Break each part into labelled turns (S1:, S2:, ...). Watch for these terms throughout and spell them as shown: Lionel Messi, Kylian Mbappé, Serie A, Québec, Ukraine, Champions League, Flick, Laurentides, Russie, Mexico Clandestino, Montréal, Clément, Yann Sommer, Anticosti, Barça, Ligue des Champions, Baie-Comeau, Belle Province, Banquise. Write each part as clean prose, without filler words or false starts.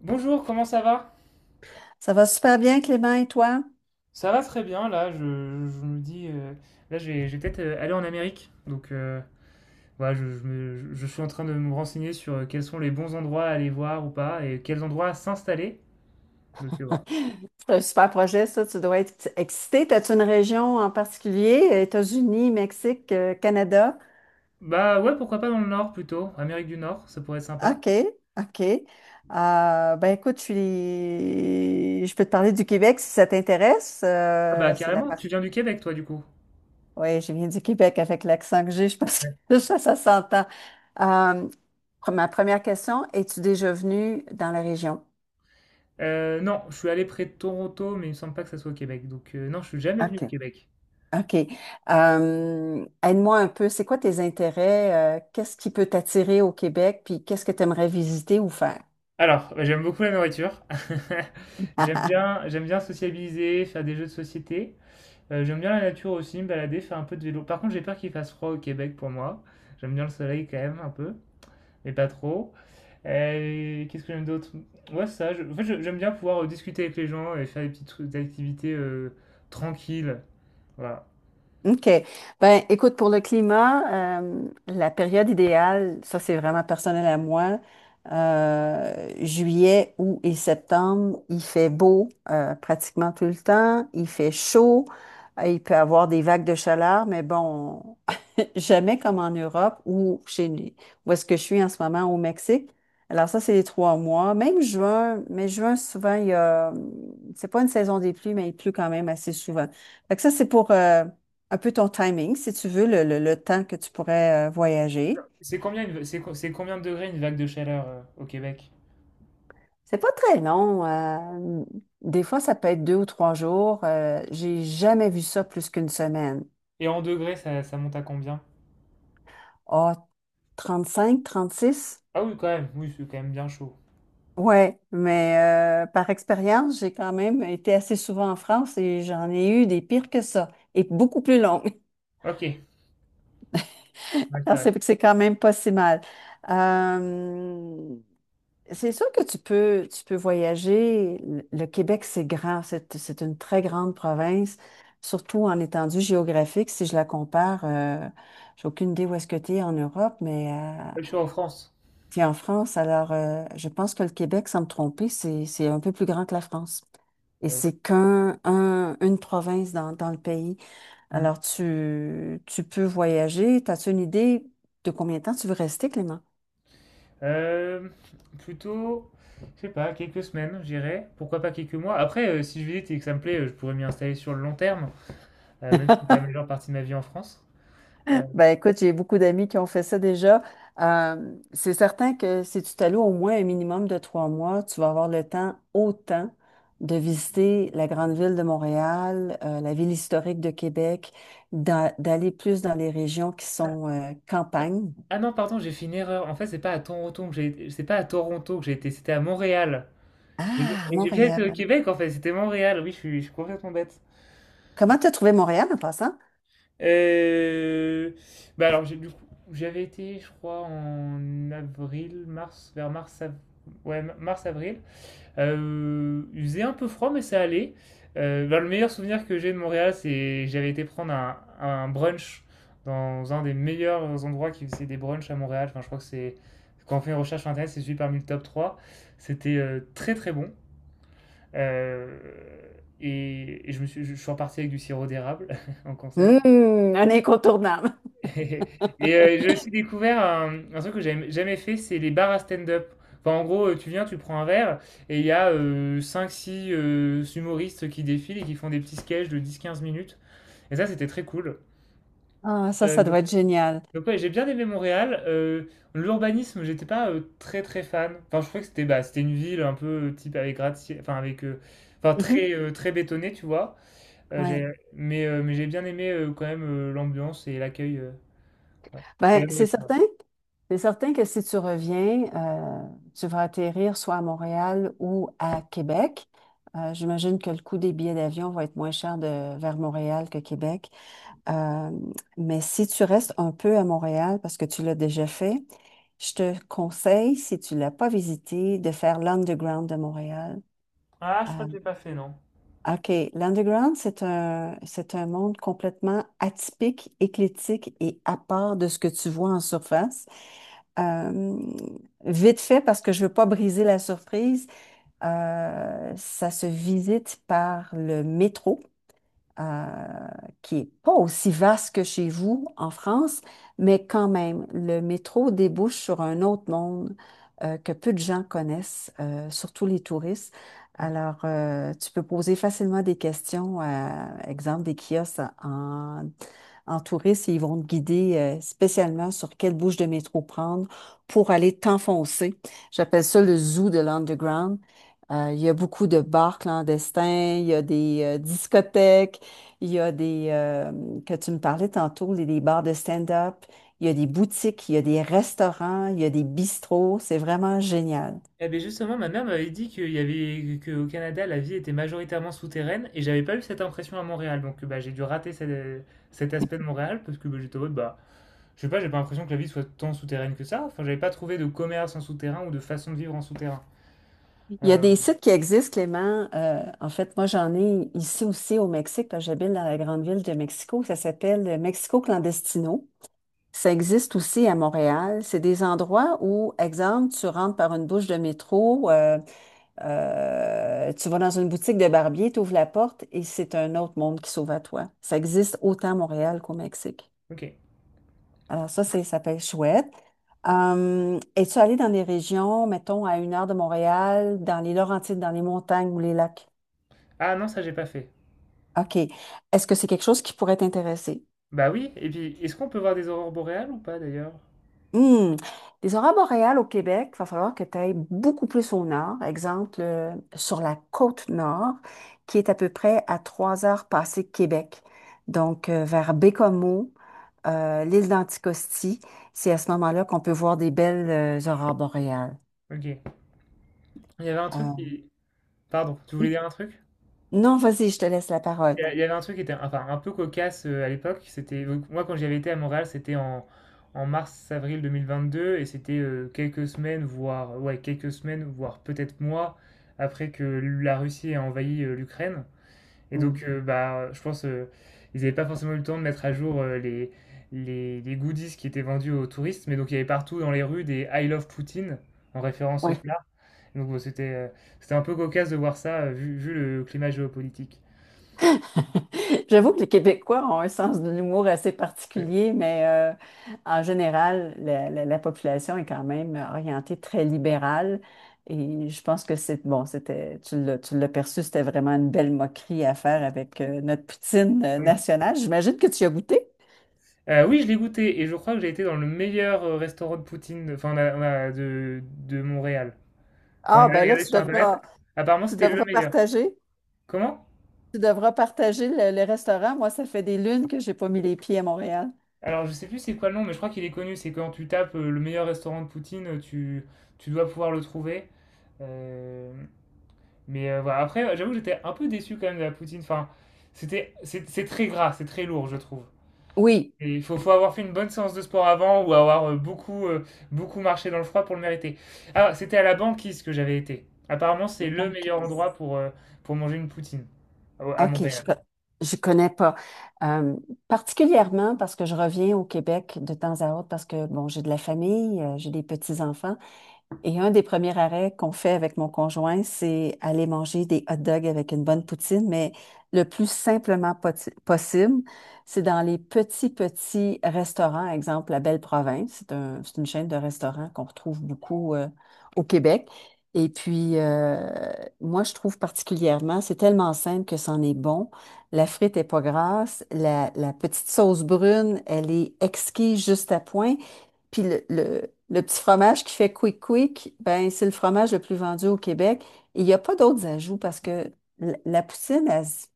S1: Bonjour, comment ça va?
S2: Ça va super bien, Clément, et toi?
S1: Ça va très bien, là, je me dis, là, je vais peut-être aller en Amérique. Donc, voilà, je suis en train de me renseigner sur quels sont les bons endroits à aller voir ou pas, et quels endroits s'installer. Donc, voilà.
S2: C'est un super projet, ça. Tu dois être excité. T'as-tu une région en particulier? États-Unis, Mexique, Canada?
S1: Bah ouais, pourquoi pas dans le Nord plutôt, Amérique du Nord, ça pourrait être sympa.
S2: OK, OK. Ben écoute, je peux te parler du Québec si ça t'intéresse.
S1: Ah bah
S2: C'est la
S1: carrément,
S2: partie.
S1: tu viens du Québec, toi, du coup.
S2: Oui, je viens du Québec avec l'accent que j'ai, je pense
S1: Ouais.
S2: que ça s'entend. Euh, Ma première question, es-tu déjà venu dans la région?
S1: Non, je suis allé près de Toronto, mais il me semble pas que ça soit au Québec. Donc, non, je suis jamais venu
S2: OK.
S1: au Québec.
S2: OK. Aide-moi un peu, c'est quoi tes intérêts? Qu'est-ce qui peut t'attirer au Québec? Puis qu'est-ce que tu aimerais visiter ou faire?
S1: Alors, bah, j'aime beaucoup la nourriture. J'aime bien, j'aime bien sociabiliser, faire des jeux de société. J'aime bien la nature aussi, me balader, faire un peu de vélo. Par contre, j'ai peur qu'il fasse froid au Québec pour moi. J'aime bien le soleil quand même, un peu, mais pas trop. Qu'est-ce que j'aime d'autre? Ouais, ça. En fait, j'aime bien pouvoir discuter avec les gens et faire des activités tranquilles. Voilà.
S2: OK. Ben, écoute, pour le climat, la période idéale, ça c'est vraiment personnel à moi, juillet, août et septembre, il fait beau pratiquement tout le temps, il fait chaud, il peut avoir des vagues de chaleur, mais bon, jamais comme en Europe ou chez où est-ce que je suis en ce moment au Mexique. Alors ça, c'est les 3 mois. Même juin, mais juin, souvent, il y a, c'est pas une saison des pluies, mais il pleut quand même assez souvent. Fait que ça, c'est pour un peu ton timing, si tu veux, le temps que tu pourrais voyager.
S1: C'est combien de degrés une vague de chaleur au Québec?
S2: C'est pas très long. Des fois, ça peut être 2 ou 3 jours. J'ai jamais vu ça plus qu'une semaine.
S1: Et en degrés, ça monte à combien?
S2: Ah, 36.
S1: Ah oui, quand même. Oui, c'est quand même bien chaud.
S2: Ouais, mais par expérience, j'ai quand même été assez souvent en France et j'en ai eu des pires que ça, et beaucoup plus longues.
S1: Ok. Ouais, c'est
S2: Alors,
S1: vrai.
S2: c'est quand même pas si mal. Euh, c'est sûr que tu peux voyager. Le Québec, c'est grand, c'est une très grande province, surtout en étendue géographique. Si je la compare, j'ai aucune idée où est-ce que tu es en Europe, mais
S1: Ouais, je suis en France.
S2: puis en France, alors, je pense que le Québec, sans me tromper, c'est un peu plus grand que la France. Et
S1: Ouais.
S2: c'est qu'un, un- une province dans le pays.
S1: Mm.
S2: Alors, tu peux voyager. T'as-tu une idée de combien de temps tu veux rester, Clément?
S1: Euh, plutôt, je sais pas, quelques semaines, je dirais. Pourquoi pas quelques mois. Après, si je visite et que ça me plaît, je pourrais m'y installer sur le long terme, même si c'est la majeure partie de ma vie en France. Euh,
S2: Ben écoute, j'ai beaucoup d'amis qui ont fait ça déjà. C'est certain que si tu t'alloues au moins un minimum de 3 mois, tu vas avoir le temps, autant, de visiter la grande ville de Montréal, la ville historique de Québec, d'aller plus dans les régions qui
S1: ah,
S2: sont campagne.
S1: ah non, pardon, j'ai fait une erreur. En fait, c'est pas à Toronto que j'ai été, c'était à Montréal. J'ai bi-
S2: Ah,
S1: et j'ai bien été au
S2: Montréal.
S1: Québec, en fait, c'était Montréal. Oui, je suis complètement bête.
S2: Comment t'as trouvé Montréal en passant?
S1: Euh, bah alors, du coup, j'avais été, je crois, en avril, mars, vers mars, ouais, mars, avril. Il faisait un peu froid, mais ça allait. Bah, le meilleur souvenir que j'ai de Montréal, c'est j'avais été prendre un brunch dans un des meilleurs endroits qui faisait des brunchs à Montréal. Enfin, je crois que c'est quand on fait une recherche sur Internet, c'est celui parmi le top trois. C'était très très bon. Euh, et je suis reparti avec du sirop d'érable en conserve.
S2: Un incontournable.
S1: Et j'ai aussi découvert un truc que j'avais jamais fait, c'est les bars à stand-up. Enfin, en gros, tu viens, tu prends un verre, et il y a cinq-six humoristes qui défilent et qui font des petits sketchs de 10-15 minutes. Et ça, c'était très cool.
S2: Ah, ça, ça
S1: Donc,
S2: doit être génial.
S1: ouais, j'ai bien aimé Montréal. L'urbanisme, j'étais pas très très fan. Enfin, je trouvais que c'était bah, c'était une ville un peu type avec gratte-ciel, enfin avec, enfin très très bétonnée, tu vois.
S2: Oui.
S1: Mais j'ai bien aimé quand même l'ambiance et l'accueil. Ouais. Et
S2: Ben,
S1: la
S2: c'est
S1: nourriture.
S2: certain. C'est certain que si tu reviens, tu vas atterrir soit à Montréal ou à Québec. J'imagine que le coût des billets d'avion va être moins cher de, vers Montréal que Québec. Euh, mais si tu restes un peu à Montréal, parce que tu l'as déjà fait, je te conseille, si tu ne l'as pas visité, de faire l'Underground de Montréal.
S1: Ah, je crois
S2: Euh,
S1: que je l'ai pas fait, non.
S2: OK. L'underground, c'est un monde complètement atypique, éclectique et à part de ce que tu vois en surface. Euh, Vite fait, parce que je veux pas briser la surprise, ça se visite par le métro euh, qui est pas aussi vaste que chez vous en France, mais quand même, le métro débouche sur un autre monde que peu de gens connaissent, surtout les touristes.
S1: Ok.
S2: Alors, tu peux poser facilement des questions à, exemple, des kiosques en touristes et ils vont te guider spécialement sur quelle bouche de métro prendre pour aller t'enfoncer. J'appelle ça le zoo de l'underground. Il y a beaucoup de bars clandestins, il y a des discothèques, il y a des, que tu me parlais tantôt, des bars de stand-up, il y a des boutiques, il y a des restaurants, il y a des bistrots, c'est vraiment génial.
S1: Eh bien justement, ma mère m'avait dit qu'il y avait qu'au Canada, la vie était majoritairement souterraine et j'avais pas eu cette impression à Montréal. Donc bah, j'ai dû rater cet aspect de Montréal parce que bah, j'étais en mode, bah, je sais pas, j'ai pas l'impression que la vie soit tant souterraine que ça. Enfin, j'avais pas trouvé de commerce en souterrain ou de façon de vivre en souterrain.
S2: Il y a
S1: Euh,
S2: des sites qui existent, Clément. En fait, moi, j'en ai ici aussi au Mexique, parce que j'habite dans la grande ville de Mexico. Ça s'appelle Mexico Clandestino. Ça existe aussi à Montréal. C'est des endroits où, exemple, tu rentres par une bouche de métro. Tu vas dans une boutique de barbier, tu ouvres la porte et c'est un autre monde qui s'ouvre à toi. Ça existe autant à Montréal qu'au Mexique.
S1: ok.
S2: Alors ça, ça peut être chouette. Es-tu allé dans des régions, mettons, à 1 heure de Montréal, dans les Laurentides, dans les montagnes ou les lacs?
S1: Ah non, ça j'ai pas fait.
S2: OK. Est-ce que c'est quelque chose qui pourrait t'intéresser?
S1: Bah oui, et puis est-ce qu'on peut voir des aurores boréales ou pas d'ailleurs?
S2: Hmm. Les aurores boréales au Québec, il va falloir que tu ailles beaucoup plus au nord. Exemple, sur la côte nord, qui est à peu près à 3 heures passées de Québec. Donc, vers Baie-Comeau, l'île d'Anticosti, c'est à ce moment-là qu'on peut voir des belles aurores boréales.
S1: Ok. Il y avait un truc
S2: Euh,
S1: qui. Pardon, tu voulais dire un truc?
S2: Non, vas-y, je te laisse la parole.
S1: Il y avait un truc qui était enfin un peu cocasse, à l'époque, c'était donc moi quand j'avais été à Montréal, c'était en mars-avril 2022 et c'était, quelques semaines, voire ouais, quelques semaines, voire peut-être mois après que la Russie ait envahi, l'Ukraine et
S2: Mm.
S1: donc bah, je pense, ils n'avaient pas forcément eu le temps de mettre à jour, les goodies qui étaient vendus aux touristes, mais donc il y avait partout dans les rues des «I love Poutine» en référence au
S2: Ouais,
S1: plat, donc bon, c'était un peu cocasse de voir ça, vu le climat géopolitique.
S2: j'avoue que les Québécois ont un sens de l'humour assez particulier, mais en général, la population est quand même orientée très libérale. Et je pense que c'est bon, c'était, tu l'as perçu, c'était vraiment une belle moquerie à faire avec notre poutine
S1: Ouais.
S2: nationale. J'imagine que tu y as goûté.
S1: Oui, je l'ai goûté et je crois que j'ai été dans le meilleur restaurant de poutine, enfin, on a de Montréal. Enfin, on
S2: Ah,
S1: avait
S2: ben là,
S1: regardé sur Internet. Apparemment,
S2: tu
S1: c'était le
S2: devras
S1: meilleur.
S2: partager.
S1: Comment?
S2: Tu devras partager le restaurant. Moi, ça fait des lunes que j'ai pas mis les pieds à Montréal.
S1: Alors, je sais plus c'est quoi le nom, mais je crois qu'il est connu. C'est quand tu tapes le meilleur restaurant de poutine, tu dois pouvoir le trouver. Euh, mais voilà. Après, j'avoue que j'étais un peu déçu quand même de la poutine. Enfin, c'est très gras, c'est très lourd, je trouve.
S2: Oui.
S1: Et il faut avoir fait une bonne séance de sport avant ou avoir beaucoup marché dans le froid pour le mériter. Ah, c'était à la banquise que j'avais été. Apparemment, c'est le
S2: Donc,
S1: meilleur endroit pour manger une poutine à
S2: OK,
S1: Montréal.
S2: je connais pas. Euh, Particulièrement parce que je reviens au Québec de temps à autre parce que, bon, j'ai de la famille, j'ai des petits-enfants. Et un des premiers arrêts qu'on fait avec mon conjoint, c'est aller manger des hot dogs avec une bonne poutine, mais le plus simplement possible, c'est dans les petits, petits restaurants, exemple la Belle Province, c'est c'est une chaîne de restaurants qu'on retrouve beaucoup au Québec. Et puis, moi, je trouve particulièrement, c'est tellement simple que c'en est bon. La frite est pas grasse, la petite sauce brune, elle est exquise juste à point. Puis le petit fromage qui fait quick quick, ben c'est le fromage le plus vendu au Québec. Et il n'y a pas d'autres ajouts parce que la poutine,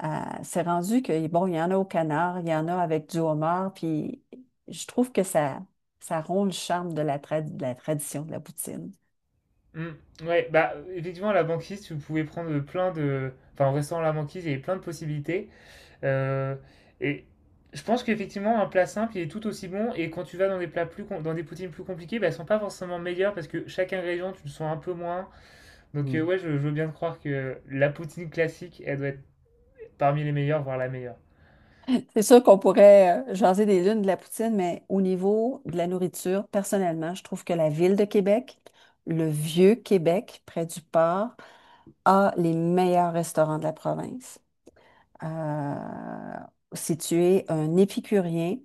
S2: elle s'est rendue que, bon, il y en a au canard, il y en a avec du homard, puis je trouve que ça rompt le charme de de la tradition de la poutine.
S1: Mm. Ouais, bah effectivement, à la banquise, tu pouvais prendre plein de. Enfin, en restant à la banquise, il y avait plein de possibilités. Euh, et je pense qu'effectivement, un plat simple, il est tout aussi bon. Et quand tu vas dans des poutines plus compliquées, bah, elles sont pas forcément meilleures parce que chaque ingrédient, tu le sens un peu moins. Donc
S2: Mm.
S1: ouais, je veux bien te croire que la poutine classique, elle doit être parmi les meilleures, voire la meilleure.
S2: C'est sûr qu'on pourrait jaser des lunes de la poutine, mais au niveau de la nourriture, personnellement, je trouve que la ville de Québec, le vieux Québec, près du port, a les meilleurs restaurants de la province. Euh, Si tu es un épicurien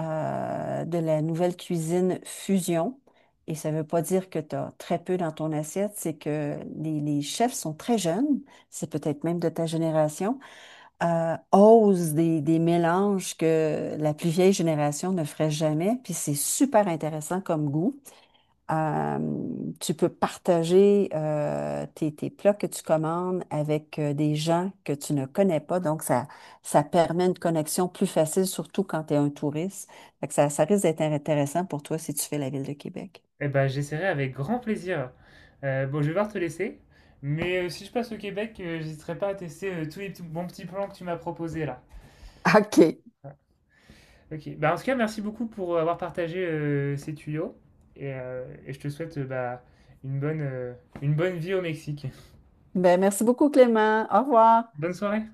S2: de la nouvelle cuisine fusion, et ça ne veut pas dire que tu as très peu dans ton assiette, c'est que les chefs sont très jeunes, c'est peut-être même de ta génération, osent des mélanges que la plus vieille génération ne ferait jamais, puis c'est super intéressant comme goût. Euh, Tu peux partager tes plats que tu commandes avec des gens que tu ne connais pas. Donc, ça permet une connexion plus facile, surtout quand tu es un touriste. Fait que ça risque d'être intéressant pour toi si tu fais la ville de Québec.
S1: Eh ben, j'essaierai avec grand plaisir. Bon, je vais devoir te laisser. Mais si je passe au Québec, j'hésiterai pas à tester bons petits plans que tu m'as proposés là.
S2: OK.
S1: Ok. Bah, en tout cas, merci beaucoup pour avoir partagé ces tuyaux. Et je te souhaite bah, une bonne, euh, une bonne vie au Mexique.
S2: Ben, merci beaucoup, Clément. Au revoir.
S1: Bonne soirée.